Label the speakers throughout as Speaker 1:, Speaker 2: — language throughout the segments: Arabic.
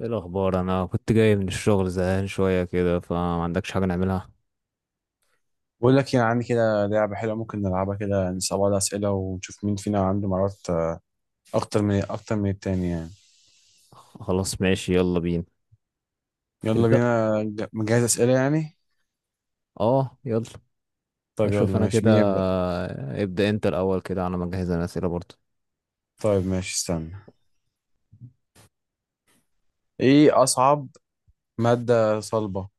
Speaker 1: ايه الاخبار؟ انا كنت جاي من الشغل زهقان شويه كده، فما عندكش حاجه نعملها؟
Speaker 2: بقول لك، يعني عندي كده لعبة حلوة ممكن نلعبها كده، نسأل بعض أسئلة ونشوف مين فينا عنده مهارات أكتر من التاني يعني.
Speaker 1: خلاص، ماشي، يلا بينا.
Speaker 2: يلا
Speaker 1: تبدا؟
Speaker 2: بينا. مجهز أسئلة يعني.
Speaker 1: اه، يلا.
Speaker 2: طيب يلا
Speaker 1: اشوف انا
Speaker 2: ماشي،
Speaker 1: كده.
Speaker 2: مين يبدأ؟
Speaker 1: ابدا انت الاول كده على ما اجهز انا اسئله برضه.
Speaker 2: طيب ماشي، استنى. إيه أصعب مادة صلبة؟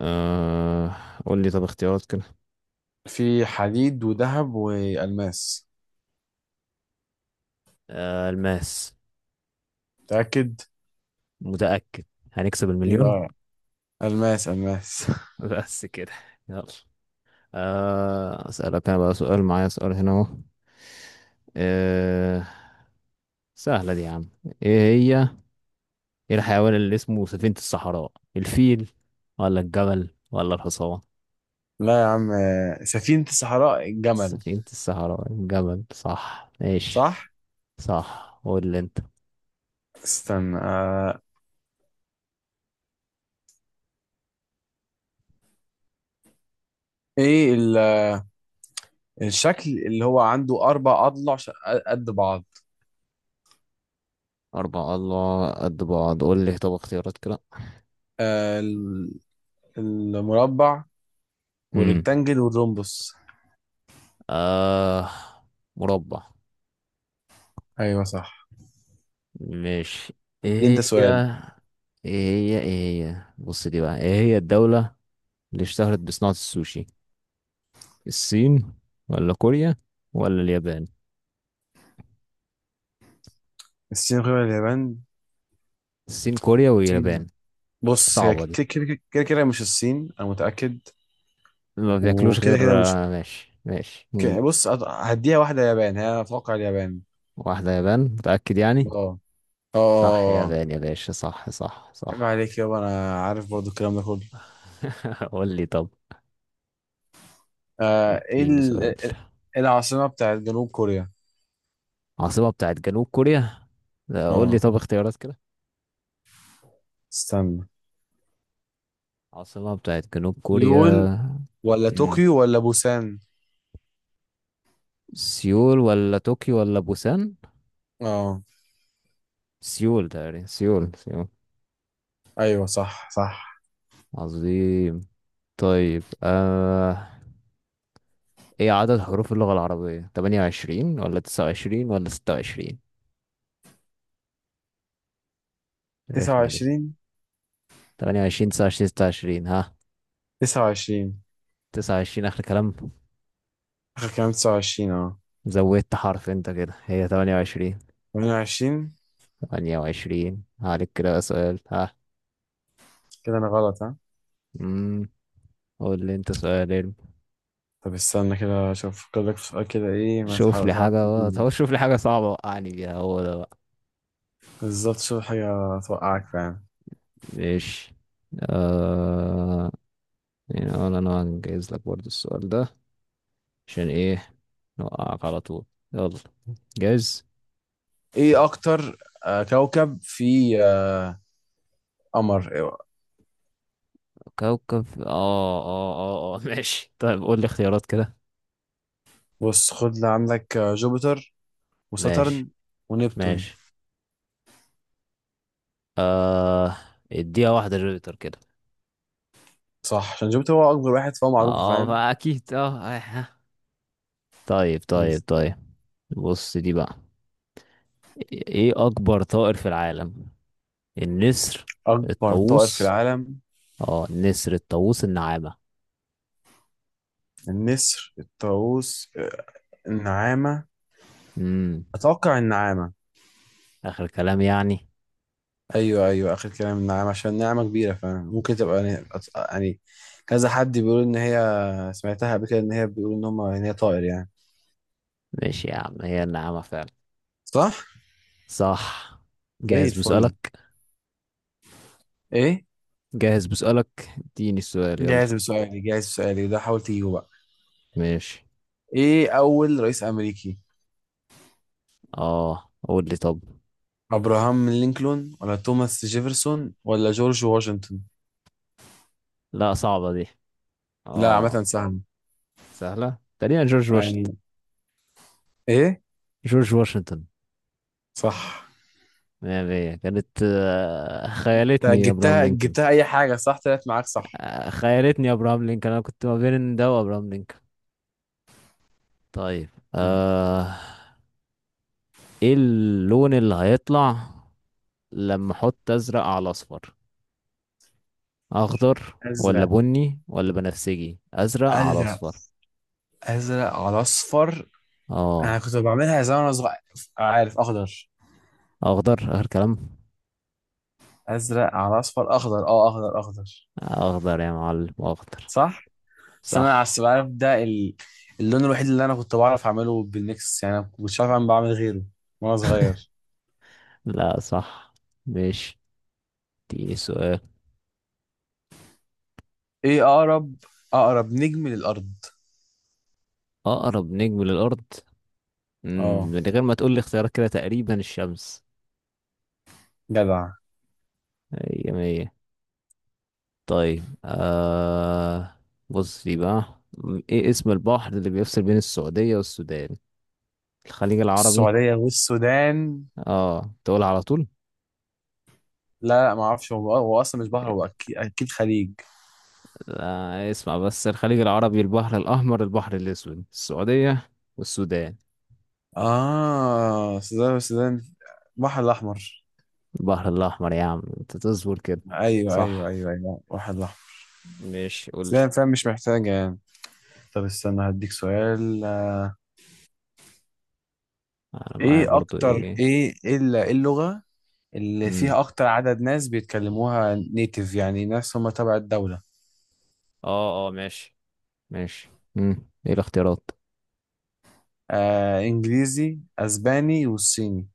Speaker 1: أه... قول لي طب اختيارات كده.
Speaker 2: في حديد وذهب وألماس.
Speaker 1: الماس.
Speaker 2: متأكد؟
Speaker 1: متاكد. هنكسب المليون.
Speaker 2: يبقى ألماس، ألماس.
Speaker 1: بس كده. يلا. اسالك انا بقى سؤال، معايا سؤال هنا اهو. أه... سهله دي يا عم. ايه هي؟ ايه الحيوان اللي اسمه سفينة الصحراء؟ الفيل ولا الجمل ولا الحصان؟
Speaker 2: لا يا عم. سفينة الصحراء الجمل.
Speaker 1: سفينة الصحراء الجمل، صح، ماشي.
Speaker 2: صح.
Speaker 1: صح، قول لي انت.
Speaker 2: استنى. إيه الشكل اللي هو عنده أربع أضلع قد بعض؟
Speaker 1: أربعة، الله قد بعض، قول لي طب اختيارات كده.
Speaker 2: آه ال- المربع
Speaker 1: امم
Speaker 2: والريكتانجل والرومبوس.
Speaker 1: آه، مربع.
Speaker 2: ايوه صح.
Speaker 1: ماشي.
Speaker 2: دي انت
Speaker 1: ايه هي
Speaker 2: سؤال.
Speaker 1: ايه ايه هي، بص دي بقى، ايه هي الدولة اللي اشتهرت بصناعة السوشي؟ الصين ولا كوريا ولا اليابان؟
Speaker 2: الصين غير اليابان.
Speaker 1: الصين، كوريا، واليابان.
Speaker 2: الصين، بص هي
Speaker 1: صعبة دي.
Speaker 2: كده كده كده كده، مش الصين، انا متأكد.
Speaker 1: ما بياكلوش
Speaker 2: وكده
Speaker 1: غير،
Speaker 2: كده مش
Speaker 1: ماشي ماشي. مم.
Speaker 2: كده. بص، هديها واحدة يابان، هي اتوقع اليابان.
Speaker 1: واحدة يابان، متأكد
Speaker 2: اه،
Speaker 1: يعني؟
Speaker 2: اه، آه،
Speaker 1: صح،
Speaker 2: آه، آه.
Speaker 1: يابان يا باشا، صح، صح،
Speaker 2: عيب
Speaker 1: صح.
Speaker 2: عليك يابا، انا عارف برضو الكلام ده كله.
Speaker 1: قول لي طب.
Speaker 2: ايه
Speaker 1: اديني سؤال.
Speaker 2: العاصمة بتاعت جنوب كوريا؟
Speaker 1: عاصمة بتاعت جنوب كوريا؟ لا، قول لي
Speaker 2: اه،
Speaker 1: طب اختيارات كده.
Speaker 2: استنى.
Speaker 1: عاصمة بتاعت جنوب
Speaker 2: يول
Speaker 1: كوريا.
Speaker 2: ولا
Speaker 1: مم.
Speaker 2: طوكيو ولا بوسان؟
Speaker 1: سيول ولا طوكيو ولا بوسان؟
Speaker 2: اه،
Speaker 1: سيول، تقريبا سيول سيول.
Speaker 2: ايوه صح، صح.
Speaker 1: عظيم. طيب. ايه عدد حروف اللغة العربية، 28 ولا 29 ولا 26؟
Speaker 2: تسعة
Speaker 1: الرخمة دي.
Speaker 2: وعشرين
Speaker 1: تمانية وعشرين، تسعة وعشرين، ستة وعشرين، ها؟
Speaker 2: 29
Speaker 1: تسعة وعشرين آخر كلام؟
Speaker 2: آخر كلام. 29 اه.
Speaker 1: زودت حرف أنت، كده هي تمانية وعشرين.
Speaker 2: 28.
Speaker 1: تمانية وعشرين، عليك كده بقى سؤال، ها؟
Speaker 2: كده أنا غلط ها.
Speaker 1: مم. قول لي أنت سؤال علم.
Speaker 2: طب استنى كده أشوف أفكر لك في سؤال كده، إيه ما تحاول تعرف تجيبه.
Speaker 1: شوف لي حاجة صعبة وقعني بيها، هو ده بقى.
Speaker 2: بالظبط، شوف حاجة توقعك فعلا.
Speaker 1: ماشي. آه... يعني أنا هنجهز لك برضو السؤال ده. عشان إيه؟ نوقعك على طول. يلا. جاهز؟
Speaker 2: إيه أكتر كوكب في آه، قمر. إيوه.
Speaker 1: كوكب؟ ماشي، طيب، قول لي اختيارات كده.
Speaker 2: بص خد اللي عندك. جوبيتر وساترن
Speaker 1: ماشي.
Speaker 2: ونبتون.
Speaker 1: ماشي. آه، اديها واحدة جوبيتر كده.
Speaker 2: صح، عشان جوبيتر هو أكبر واحد فهو معروف،
Speaker 1: اه،
Speaker 2: فاهم.
Speaker 1: فاكيد اه، آه. طيب، طيب،
Speaker 2: بس.
Speaker 1: طيب. بص دي بقى. ايه اكبر طائر في العالم؟ النسر.
Speaker 2: أكبر طائر في
Speaker 1: الطاووس.
Speaker 2: العالم؟
Speaker 1: اه، النسر، الطاووس، النعامة.
Speaker 2: النسر، الطاووس، النعامة.
Speaker 1: امم
Speaker 2: أتوقع النعامة.
Speaker 1: اخر كلام يعني؟
Speaker 2: ايوه ايوه اخر كلام نعم، عشان نعمه كبيره فممكن تبقى يعني. يعني كذا حد بيقول ان هي، سمعتها قبل كده ان هي بيقول ان هم، ان هي طائر يعني.
Speaker 1: ماشي يا عم، هي النعامة فعلا.
Speaker 2: صح.
Speaker 1: صح.
Speaker 2: زي
Speaker 1: جاهز
Speaker 2: الفل.
Speaker 1: بسؤالك؟
Speaker 2: ايه؟
Speaker 1: جاهز بسؤالك؟ اديني السؤال يلا.
Speaker 2: جاهز بسؤالي، جاهز بسؤالي. ده حاول تجيبه بقى.
Speaker 1: ماشي.
Speaker 2: ايه اول رئيس امريكي؟
Speaker 1: اه، قول لي طب.
Speaker 2: ابراهام لينكولن ولا توماس جيفرسون ولا جورج واشنطن؟
Speaker 1: لا، صعبة دي.
Speaker 2: لا عامه
Speaker 1: اه،
Speaker 2: سهل
Speaker 1: سهلة تقريبا، جورج واشنطن.
Speaker 2: يعني. ايه؟
Speaker 1: جورج واشنطن.
Speaker 2: صح.
Speaker 1: مية مية، كانت
Speaker 2: انت
Speaker 1: خيالتني يا ابراهام
Speaker 2: جبتها،
Speaker 1: لينكولن.
Speaker 2: جبتها اي حاجه صح، طلعت معاك صح.
Speaker 1: خيالتني يا ابراهام لينكولن، انا كنت ما بين ده وابراهام لينكولن. طيب. ايه اللون اللي هيطلع لما احط ازرق على اصفر؟ اخضر ولا
Speaker 2: ازرق.
Speaker 1: بني ولا بنفسجي؟ ازرق على
Speaker 2: ازرق.
Speaker 1: اصفر؟
Speaker 2: ازرق على اصفر. انا
Speaker 1: اه.
Speaker 2: كنت بعملها زمان وانا صغير، عارف. اخضر.
Speaker 1: اخضر اخر كلام؟
Speaker 2: ازرق على اصفر اخضر، اه اخضر اخضر.
Speaker 1: اخضر يا معلم، اخضر.
Speaker 2: صح. بس انا
Speaker 1: صح.
Speaker 2: عارف ده اللون الوحيد اللي انا كنت بعرف اعمله بالميكس، يعني انا مش عارف اعمل، بعمل غيره وانا صغير.
Speaker 1: لا، صح. مش دي سؤال.
Speaker 2: ايه اقرب نجم للارض؟
Speaker 1: اقرب نجم للارض؟ مم،
Speaker 2: اه،
Speaker 1: من غير ما تقول لي اختيارات، كده تقريبا الشمس.
Speaker 2: جدع.
Speaker 1: مية مية. طيب. بص دي بقى. ايه اسم البحر اللي بيفصل بين السعودية والسودان؟ الخليج العربي؟
Speaker 2: السعوديه والسودان.
Speaker 1: اه، تقول على طول.
Speaker 2: لا، لا، ما اعرفش. هو اصلا مش بحر، هو اكيد اكيد خليج.
Speaker 1: اسمع بس، الخليج العربي، البحر الأحمر، البحر الأسود؟ السعودية والسودان.
Speaker 2: اه، السودان، والسودان. البحر الاحمر.
Speaker 1: البحر الأحمر يا عم، انت تصبر كده.
Speaker 2: ايوه، ايوه،
Speaker 1: صح.
Speaker 2: ايوه، ايوه، البحر الاحمر.
Speaker 1: ماشي، قلت.
Speaker 2: السودان، فاهم، مش محتاجه يعني. طب استنى هديك سؤال.
Speaker 1: انا معايا
Speaker 2: ايه
Speaker 1: برضو
Speaker 2: اكتر
Speaker 1: ايه.
Speaker 2: ايه ايه ال- إيه اللغة اللي
Speaker 1: مم.
Speaker 2: فيها اكتر عدد ناس بيتكلموها نيتيف، يعني ناس هم تبع الدولة.
Speaker 1: اه، اه، ماشي. ماشي. مم. ايه الاختيارات؟
Speaker 2: انجليزي، اسباني، والصيني.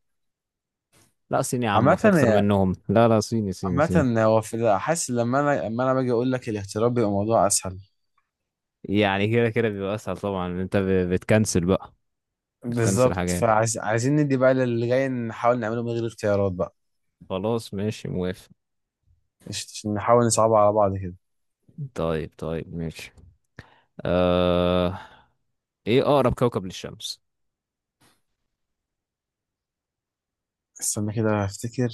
Speaker 1: لا صيني يا عم،
Speaker 2: عامة،
Speaker 1: في اكتر منهم، لا، لا، صيني صيني صيني.
Speaker 2: عامة هو في، حاسس لما انا لما انا باجي اقول لك الاختيارات بيبقى الموضوع اسهل.
Speaker 1: يعني كده كده بيبقى اسهل طبعا، ان انت بتكنسل بقى. بتكنسل
Speaker 2: بالظبط،
Speaker 1: حاجات.
Speaker 2: فعايزين ندي بقى للي جاي نحاول نعمله من غير اختيارات بقى.
Speaker 1: خلاص، ماشي، موافق.
Speaker 2: عشان نحاول نصعبها على بعض كده.
Speaker 1: طيب، طيب، ماشي. آه... ايه اقرب كوكب للشمس؟
Speaker 2: استنى كده افتكر.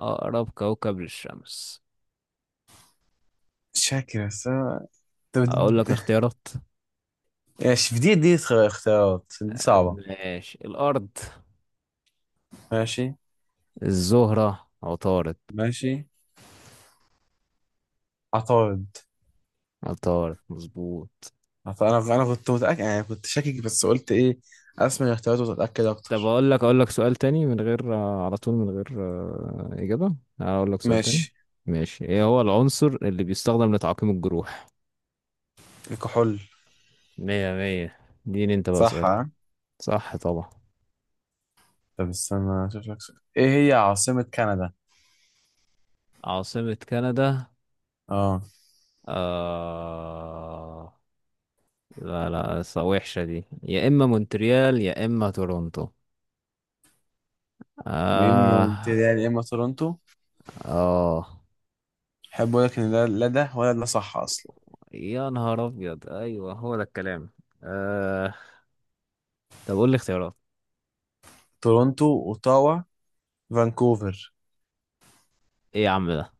Speaker 1: اقرب كوكب للشمس.
Speaker 2: شاكر بس طب.
Speaker 1: اقول لك اختيارات.
Speaker 2: ماشي، في دي اختيارات دي صعبة.
Speaker 1: ماشي، الارض.
Speaker 2: ماشي،
Speaker 1: الزهرة، عطارد.
Speaker 2: ماشي. عطارد.
Speaker 1: عطارد مظبوط.
Speaker 2: انا كنت متاكد يعني، كنت شاكك بس قلت ايه، اسمع الاختيارات وتتاكد
Speaker 1: طب
Speaker 2: اكتر.
Speaker 1: اقول لك سؤال تاني من غير على طول، من غير اجابة. اقول لك سؤال تاني.
Speaker 2: ماشي.
Speaker 1: ماشي. ايه هو العنصر اللي بيستخدم لتعقيم الجروح؟
Speaker 2: الكحول.
Speaker 1: مية مية. دين انت بقى
Speaker 2: صح
Speaker 1: سؤال.
Speaker 2: ها.
Speaker 1: صح طبعا.
Speaker 2: طب استنى اشوف لك سؤال. ايه هي عاصمه كندا؟
Speaker 1: عاصمة كندا؟
Speaker 2: اه.
Speaker 1: آه... لا، لا، وحشة دي، يا إما مونتريال يا إما تورونتو.
Speaker 2: يا اما
Speaker 1: آه.
Speaker 2: مونتريال يا اما تورونتو.
Speaker 1: آه.
Speaker 2: احب اقول لك ان ده، لا ده ولا ده صح اصلا.
Speaker 1: يا نهار أبيض، أيوه، هو ده الكلام. آه... طب قول لي اختيارات.
Speaker 2: تورونتو، اوتاوا، فانكوفر.
Speaker 1: إيه يا عم ده؟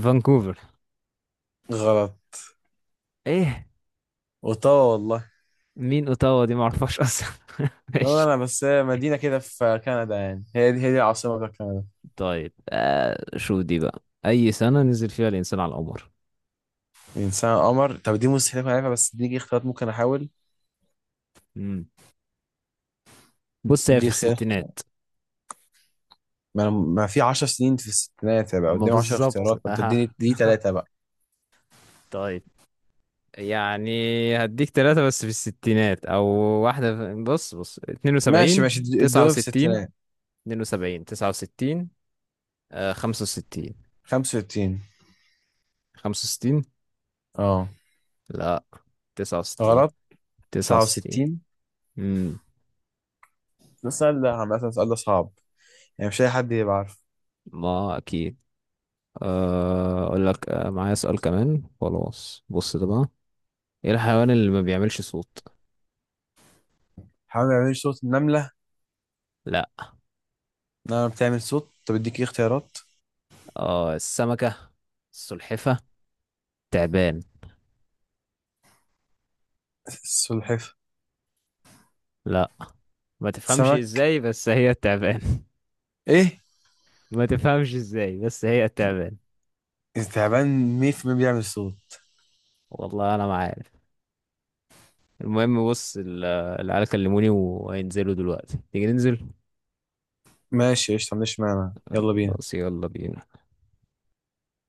Speaker 1: فانكوفر.
Speaker 2: غلط.
Speaker 1: إيه؟
Speaker 2: اوتاوا والله.
Speaker 1: مين أوتاوا دي؟ معرفهاش أصلا.
Speaker 2: والله
Speaker 1: ماشي.
Speaker 2: انا بس هي مدينه كده في كندا يعني، هي دي العاصمه بتاعت كندا.
Speaker 1: طيب. شو دي بقى؟ أي سنة نزل فيها الإنسان على القمر؟
Speaker 2: انسان، قمر. طب دي مستحيل اكون عارفها، بس دي اختيارات ممكن احاول.
Speaker 1: مم. بص، هي في
Speaker 2: دي اختيار.
Speaker 1: الستينات.
Speaker 2: ما انا ما في 10 سنين في الستينات، هيبقى
Speaker 1: ما
Speaker 2: قدامي 10
Speaker 1: بالظبط،
Speaker 2: اختيارات، ما
Speaker 1: أها.
Speaker 2: بتديني دي ثلاثه بقى.
Speaker 1: طيب. يعني. هديك ثلاثة بس في الستينات، أو واحدة بص بص، اتنين
Speaker 2: ماشي،
Speaker 1: وسبعين.
Speaker 2: ماشي،
Speaker 1: تسعة
Speaker 2: قدامي في
Speaker 1: وستين.
Speaker 2: الستينات.
Speaker 1: اتنين وسبعين، تسعة وستين. آه، خمسة وستين.
Speaker 2: 65.
Speaker 1: خمسة وستين.
Speaker 2: اه،
Speaker 1: لا. تسعة وستين.
Speaker 2: غلط.
Speaker 1: تسعة وستين.
Speaker 2: 69.
Speaker 1: امم
Speaker 2: ده السؤال ده عامة، السؤال ده صعب يعني، مش اي حد يبقى عارف.
Speaker 1: ما أكيد. أقول لك معايا سؤال كمان، خلاص بص ده بقى. إيه الحيوان اللي ما بيعملش صوت؟
Speaker 2: حاول ما يعملش صوت. النملة.
Speaker 1: لا.
Speaker 2: النملة بتعمل صوت. طب اديك ايه اختيارات؟
Speaker 1: آه، السمكة. السلحفة. تعبان.
Speaker 2: السلحفاة.
Speaker 1: لا. ما تفهمش
Speaker 2: سمك؟
Speaker 1: ازاي، بس هي التعبان.
Speaker 2: ايه؟
Speaker 1: ما تفهمش ازاي، بس هي التعبان.
Speaker 2: التعبان 100% بيعمل صوت.
Speaker 1: والله انا ما عارف. المهم بص العيال كلموني وهينزلوا دلوقتي، تيجي ننزل؟
Speaker 2: ماشي قشطة، مش معنى يلا بينا.
Speaker 1: بس، يلا بينا.